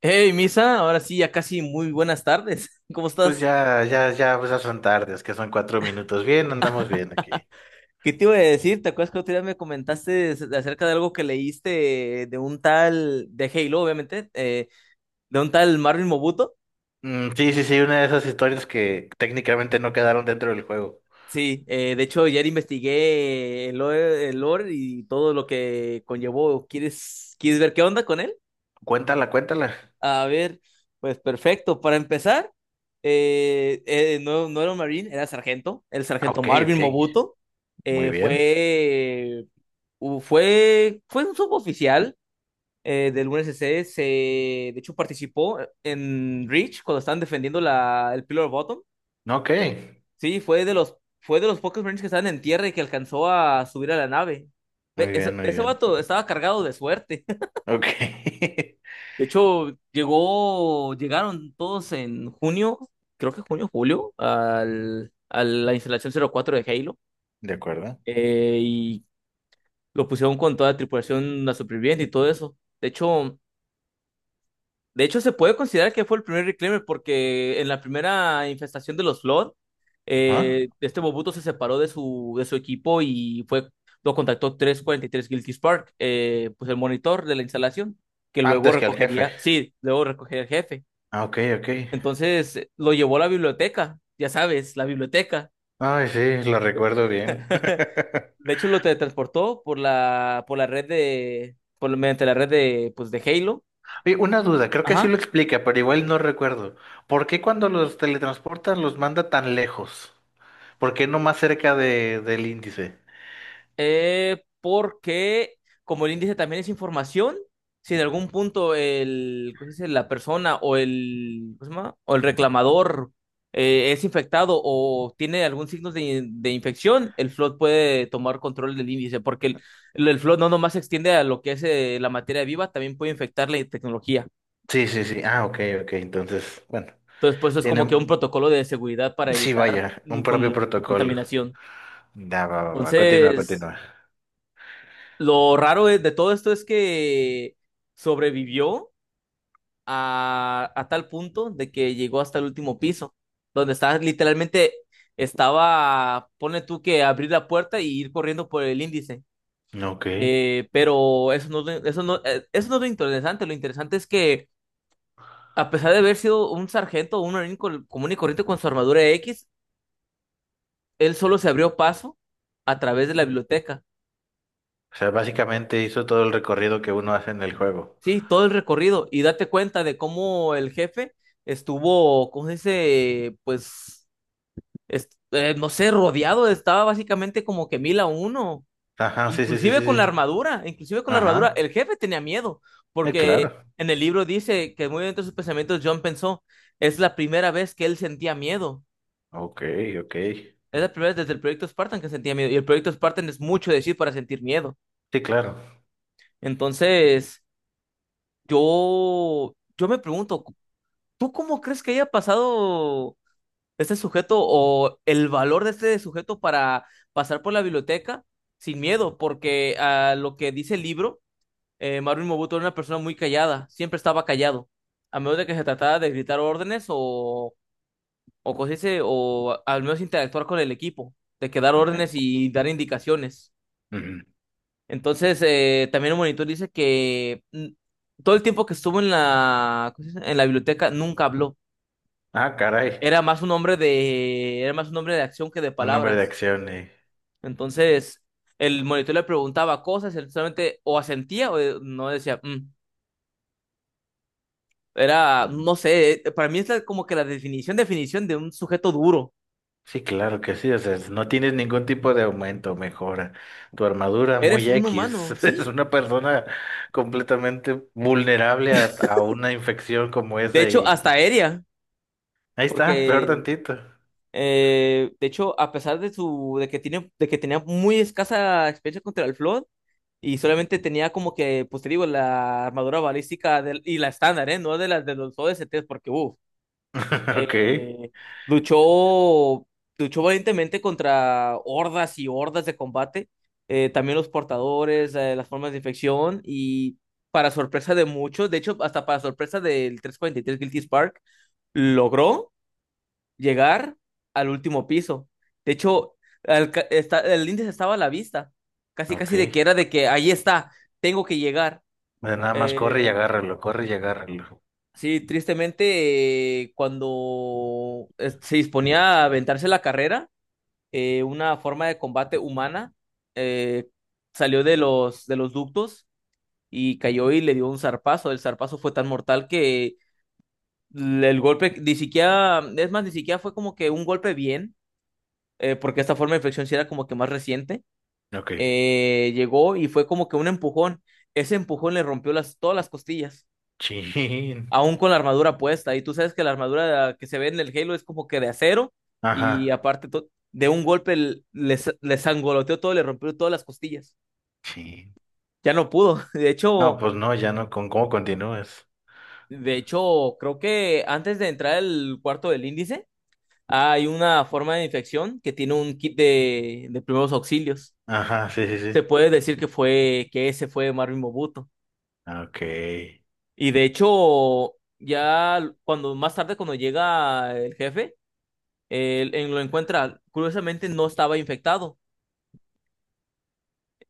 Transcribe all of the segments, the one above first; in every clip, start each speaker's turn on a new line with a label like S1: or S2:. S1: Hey, Misa, ahora sí, ya casi muy buenas tardes. ¿Cómo
S2: Pues
S1: estás?
S2: ya, ya, ya, pues ya son tardes, que son 4 minutos. Bien, andamos bien aquí.
S1: ¿Qué te iba a decir? ¿Te acuerdas que otro día me comentaste acerca de algo que leíste de un tal, de Halo, obviamente, de un tal Marvin Mobuto?
S2: Mm, sí, sí, sí, una de esas historias que técnicamente no quedaron dentro del juego.
S1: Sí, de hecho, ayer investigué el lore y todo lo que conllevó. ¿Quieres ver qué onda con él?
S2: Cuéntala, cuéntala.
S1: A ver, pues perfecto. Para empezar, no, no era un Marine, era sargento, el
S2: Ah,
S1: sargento
S2: ok,
S1: Marvin
S2: ok.
S1: Mobuto.
S2: Muy bien.
S1: Fue fue un suboficial del UNSC. De hecho, participó en Reach cuando estaban defendiendo el Pillar Bottom.
S2: Ok.
S1: Sí, fue de los pocos Marines que estaban en tierra y que alcanzó a subir a la nave. Ve,
S2: Muy
S1: Ese,
S2: bien, muy
S1: ese
S2: bien.
S1: vato estaba cargado de suerte.
S2: Ok.
S1: De hecho, llegaron todos en junio, creo que junio, julio, a la instalación 04 de Halo.
S2: De acuerdo.
S1: Y lo pusieron con toda la tripulación, la superviviente y todo eso. De hecho, se puede considerar que fue el primer reclaimer porque en la primera infestación de los Flood,
S2: ¿Ah?
S1: este Bobuto se separó de su equipo lo contactó 343 Guilty Spark, pues el monitor de la instalación, que
S2: Antes que al jefe.
S1: sí, luego recogería el jefe.
S2: Ah, ok, ok.
S1: Entonces, lo llevó a la biblioteca, ya sabes, la biblioteca.
S2: Ay, sí, lo recuerdo bien.
S1: De hecho, lo teletransportó por mediante la red de, pues, de Halo.
S2: Oye, una duda, creo que sí
S1: Ajá.
S2: lo explica, pero igual no recuerdo. ¿Por qué cuando los teletransportan los manda tan lejos? ¿Por qué no más cerca del índice?
S1: Porque como el índice también es información, si en algún punto el, ¿cómo se dice? La persona o el, ¿cómo se llama? O el reclamador es infectado o tiene algún signo de infección, el flood puede tomar control del índice, porque el flood no nomás se extiende a lo que es la materia viva, también puede infectar la tecnología.
S2: Sí, sí, sí. Ah, ok, ok. Entonces, bueno,
S1: Entonces, pues es
S2: tiene,
S1: como que un protocolo de seguridad para
S2: sí,
S1: evitar
S2: vaya, un propio protocolo.
S1: contaminación.
S2: Ya, va, va, va. Continúa,
S1: Entonces,
S2: continúa.
S1: lo raro de todo esto es que sobrevivió a tal punto de que llegó hasta el último piso, donde estaba, pone tú que abrir la puerta y ir corriendo por el índice.
S2: Ok.
S1: Pero eso no es lo interesante es que a pesar de haber sido un sargento o un marín común y corriente con su armadura X, él solo se abrió paso a través de la biblioteca.
S2: O sea, básicamente hizo todo el recorrido que uno hace en el juego.
S1: Sí, todo el recorrido, y date cuenta de cómo el jefe estuvo, ¿cómo se dice? Pues, no sé, rodeado, estaba básicamente como que mil a uno,
S2: Ajá, sí, sí, sí, sí.
S1: inclusive con la
S2: sí.
S1: armadura, inclusive con la armadura,
S2: Ajá.
S1: el jefe tenía miedo, porque
S2: Claro.
S1: en el libro dice que muy dentro de sus pensamientos John pensó: es la primera vez que él sentía miedo,
S2: Ok, ok.
S1: es la primera vez desde el proyecto Spartan que sentía miedo, y el proyecto Spartan es mucho decir para sentir miedo.
S2: Sí, claro.
S1: Entonces yo me pregunto, ¿tú cómo crees que haya pasado este sujeto o el valor de este sujeto para pasar por la biblioteca sin miedo? Porque a lo que dice el libro, Maruin Mobuto era una persona muy callada, siempre estaba callado, a menos de que se tratara de gritar órdenes o, cosas así, o al menos interactuar con el equipo, de que dar
S2: Ok.
S1: órdenes y dar indicaciones.
S2: Ujú.
S1: Entonces, también el monitor dice que todo el tiempo que estuvo en la, ¿cómo se dice?, en la biblioteca nunca habló.
S2: Ah, caray.
S1: Era más un hombre de acción que de
S2: Un nombre de
S1: palabras.
S2: acción.
S1: Entonces, el monitor le preguntaba cosas, él solamente o asentía o no decía, "Mm". Era, no sé, para mí es como que la definición de un sujeto duro.
S2: Sí, claro que sí, o sea, no tienes ningún tipo de aumento, mejora. Tu armadura
S1: Eres
S2: muy
S1: un
S2: X,
S1: humano,
S2: es
S1: sí.
S2: una persona completamente vulnerable a una infección como
S1: De
S2: esa
S1: hecho,
S2: y
S1: hasta aérea,
S2: ahí está, peor
S1: porque
S2: tantito.
S1: de hecho, a pesar de su, de que tenía muy escasa experiencia contra el Flood, y solamente tenía como que, pues te digo, la armadura balística y la estándar, ¿eh? No de los OSTs, porque, uff.
S2: Ok,
S1: eh, luchó, valientemente contra hordas y hordas de combate, también los portadores, las formas de infección y, para sorpresa de muchos, de hecho hasta para sorpresa del 343 Guilty Spark, logró llegar al último piso. De hecho, el índice estaba a la vista, casi
S2: ok.
S1: casi de que era de que ahí está, tengo que llegar.
S2: Bueno, nada más corre y
S1: eh,
S2: agárralo, corre y agárralo.
S1: Sí, tristemente, cuando se disponía a aventarse la carrera, una forma de combate humana eh, salió de los ductos y cayó y le dio un zarpazo. El zarpazo fue tan mortal que el golpe ni siquiera, es más, ni siquiera fue como que un golpe bien, porque esta forma de infección sí era como que más reciente.
S2: Ok.
S1: Llegó y fue como que un empujón. Ese empujón le rompió todas las costillas,
S2: Chin.
S1: aún con la armadura puesta. Y tú sabes que la armadura que se ve en el Halo es como que de acero y
S2: Ajá.
S1: aparte de un golpe les sangoloteó todo, le rompió todas las costillas.
S2: Chin.
S1: Ya no pudo. De
S2: No,
S1: hecho,
S2: pues no, ya no, ¿con cómo continúas?
S1: de hecho, creo que antes de entrar al cuarto del índice, hay una forma de infección que tiene un kit de primeros auxilios.
S2: Ajá, sí, sí,
S1: Se
S2: sí.
S1: puede decir que ese fue Marvin Mobuto.
S2: Ok.
S1: Y, de hecho, ya cuando más tarde, cuando llega el jefe, él lo encuentra, curiosamente no estaba infectado.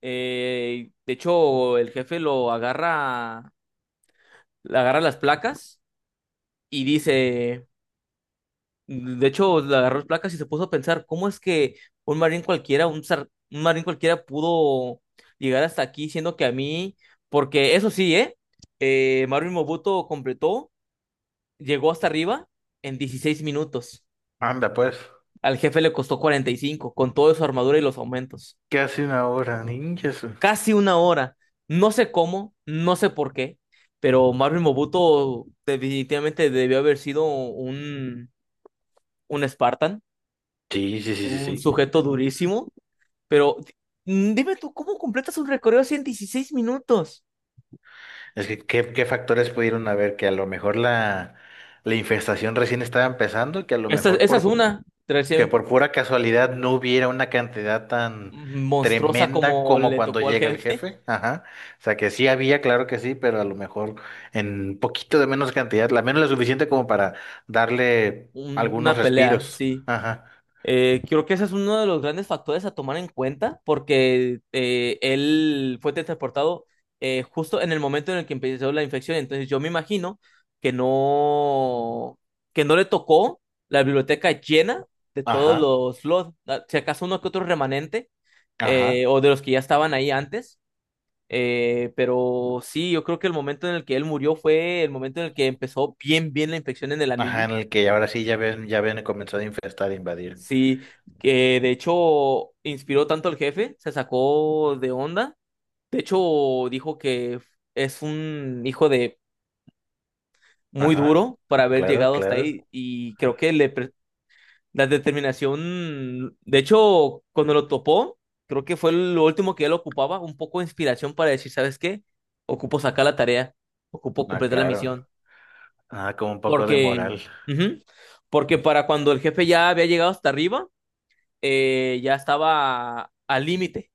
S1: De hecho, el jefe lo agarra, le agarra las placas y dice, de hecho, le agarró las placas y se puso a pensar: ¿cómo es que un marín cualquiera, un marín cualquiera pudo llegar hasta aquí, siendo que a mí? Porque eso sí, ¿eh? Marin Mobuto llegó hasta arriba en 16 minutos.
S2: Anda, pues.
S1: Al jefe le costó 45, con toda su armadura y los aumentos.
S2: ¿Qué hace una hora, ninjas?
S1: Casi una hora. No sé cómo, no sé por qué, pero Marvin Mobuto definitivamente debió haber sido un Spartan,
S2: Sí, sí, sí, sí,
S1: un
S2: sí.
S1: sujeto durísimo, pero dime tú, ¿cómo completas un recorrido así en 16 minutos?
S2: Es que, ¿qué factores pudieron haber? Que a lo mejor la infestación recién estaba empezando y que a lo
S1: Esa,
S2: mejor
S1: esa es una
S2: que
S1: recién
S2: por pura casualidad no hubiera una cantidad tan
S1: monstruosa
S2: tremenda
S1: como
S2: como
S1: le
S2: cuando
S1: tocó al
S2: llega el
S1: jefe,
S2: jefe. Ajá. O sea, que sí había, claro que sí, pero a lo mejor en poquito de menos cantidad, la menos lo suficiente como para darle algunos
S1: una pelea,
S2: respiros.
S1: sí.
S2: Ajá,
S1: Creo que ese es uno de los grandes factores a tomar en cuenta, porque él fue transportado justo en el momento en el que empezó la infección. Entonces yo me imagino que no, que no le tocó la biblioteca llena de todos
S2: ajá,
S1: los Lord. Ah, si acaso uno que otro remanente,
S2: ajá,
S1: o de los que ya estaban ahí antes. Pero sí, yo creo que el momento en el que él murió fue el momento en el que empezó bien, bien la infección en el
S2: ajá,
S1: anillo.
S2: en el que ahora sí ya ven comenzado a infestar, a invadir.
S1: Sí, que de hecho inspiró tanto al jefe, se sacó de onda. De hecho, dijo que es un hijo de muy
S2: Ajá,
S1: duro para haber
S2: claro,
S1: llegado hasta
S2: claro.
S1: ahí, y creo que la determinación, de hecho, cuando lo topó, creo que fue lo último que él ocupaba, un poco de inspiración para decir, ¿sabes qué? Ocupo sacar la tarea, ocupo
S2: Ah,
S1: completar la
S2: claro.
S1: misión.
S2: Ah, como un poco de
S1: Porque,
S2: moral.
S1: ujú, porque para cuando el jefe ya había llegado hasta arriba, ya estaba al límite,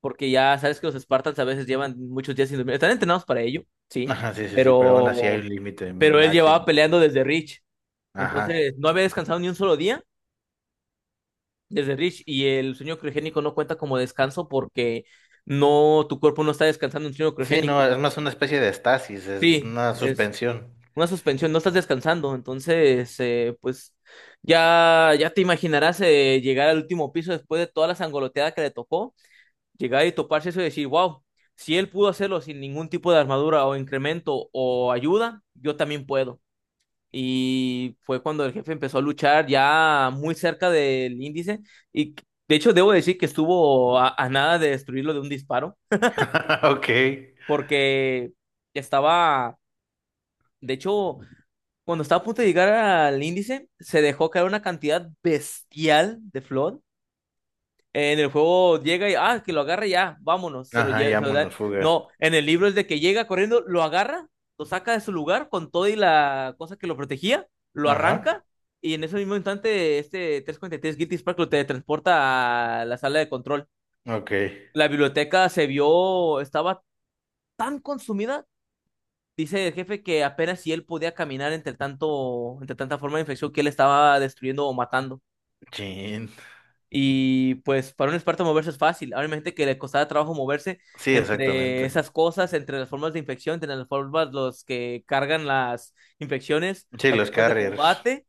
S1: porque ya sabes que los Spartans a veces llevan muchos días sin dormir. Están entrenados para ello, sí,
S2: Ajá, sí, sí, sí, pero aún así hay
S1: pero,
S2: un límite
S1: pero él llevaba
S2: máximo.
S1: peleando desde Rich.
S2: Ajá.
S1: Entonces, no había descansado ni un solo día desde Rich, y el sueño criogénico no cuenta como descanso porque no, tu cuerpo no está descansando en un sueño
S2: Sí, no,
S1: criogénico.
S2: es más una especie de estasis, es
S1: Sí,
S2: una
S1: es
S2: suspensión.
S1: una suspensión, no estás descansando. Entonces, pues ya te imaginarás, llegar al último piso después de toda la sangoloteada que le tocó, llegar y toparse eso y decir, wow, si él pudo hacerlo sin ningún tipo de armadura o incremento o ayuda, yo también puedo. Y fue cuando el jefe empezó a luchar ya muy cerca del índice, y de hecho debo decir que estuvo a nada de destruirlo de un disparo,
S2: Ok.
S1: porque estaba, de hecho, cuando estaba a punto de llegar al índice, se dejó caer una cantidad bestial de Flood. En el juego llega y, ah, que lo agarra y ya, vámonos, se lo
S2: Ajá,
S1: lleva, se lo da.
S2: llámonos fuga.
S1: No, en el libro es de que llega corriendo, lo agarra, lo saca de su lugar con todo y la cosa que lo protegía, lo
S2: Ajá.
S1: arranca, y en ese mismo instante, este 343 Guilty Spark lo teletransporta a la sala de control.
S2: Ok.
S1: La biblioteca se vio, estaba tan consumida, dice el jefe, que apenas si él podía caminar entre tanto, entre tanta forma de infección que él estaba destruyendo o matando.
S2: Chin.
S1: Y pues para un experto moverse es fácil. Ahora imagínate que le costaba trabajo moverse
S2: Sí,
S1: entre
S2: exactamente.
S1: esas cosas, entre las formas de infección, entre las formas los que cargan las infecciones,
S2: Sí,
S1: las
S2: los
S1: formas de
S2: carriers.
S1: combate.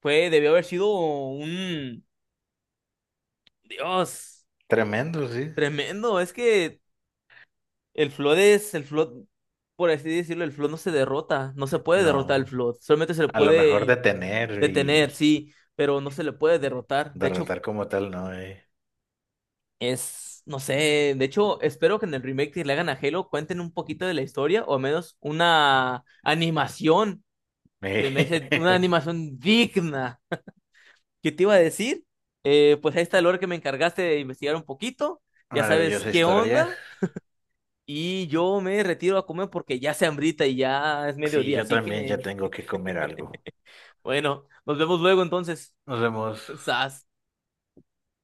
S1: Fue, debió haber sido un Dios
S2: Tremendo, sí.
S1: tremendo. Es que el Flood es el Flood, por así decirlo, el Flood no se derrota, no se puede derrotar el
S2: No.
S1: Flood, solamente se le
S2: A lo mejor
S1: puede
S2: detener
S1: detener,
S2: y
S1: sí, pero no se le puede derrotar. De hecho,
S2: derrotar como tal, no, eh.
S1: No sé, de hecho, espero que en el remake que le hagan a Halo cuenten un poquito de la historia, o al menos una animación; se me hace una animación digna. ¿Qué te iba a decir? Pues ahí está el lore que me encargaste de investigar un poquito, ya sabes
S2: Maravillosa
S1: qué
S2: historia.
S1: onda, y yo me retiro a comer porque ya se hambrita y ya es
S2: Sí,
S1: mediodía,
S2: yo
S1: así
S2: también ya
S1: que
S2: tengo que comer algo.
S1: bueno, nos vemos luego entonces.
S2: Nos vemos.
S1: Sas.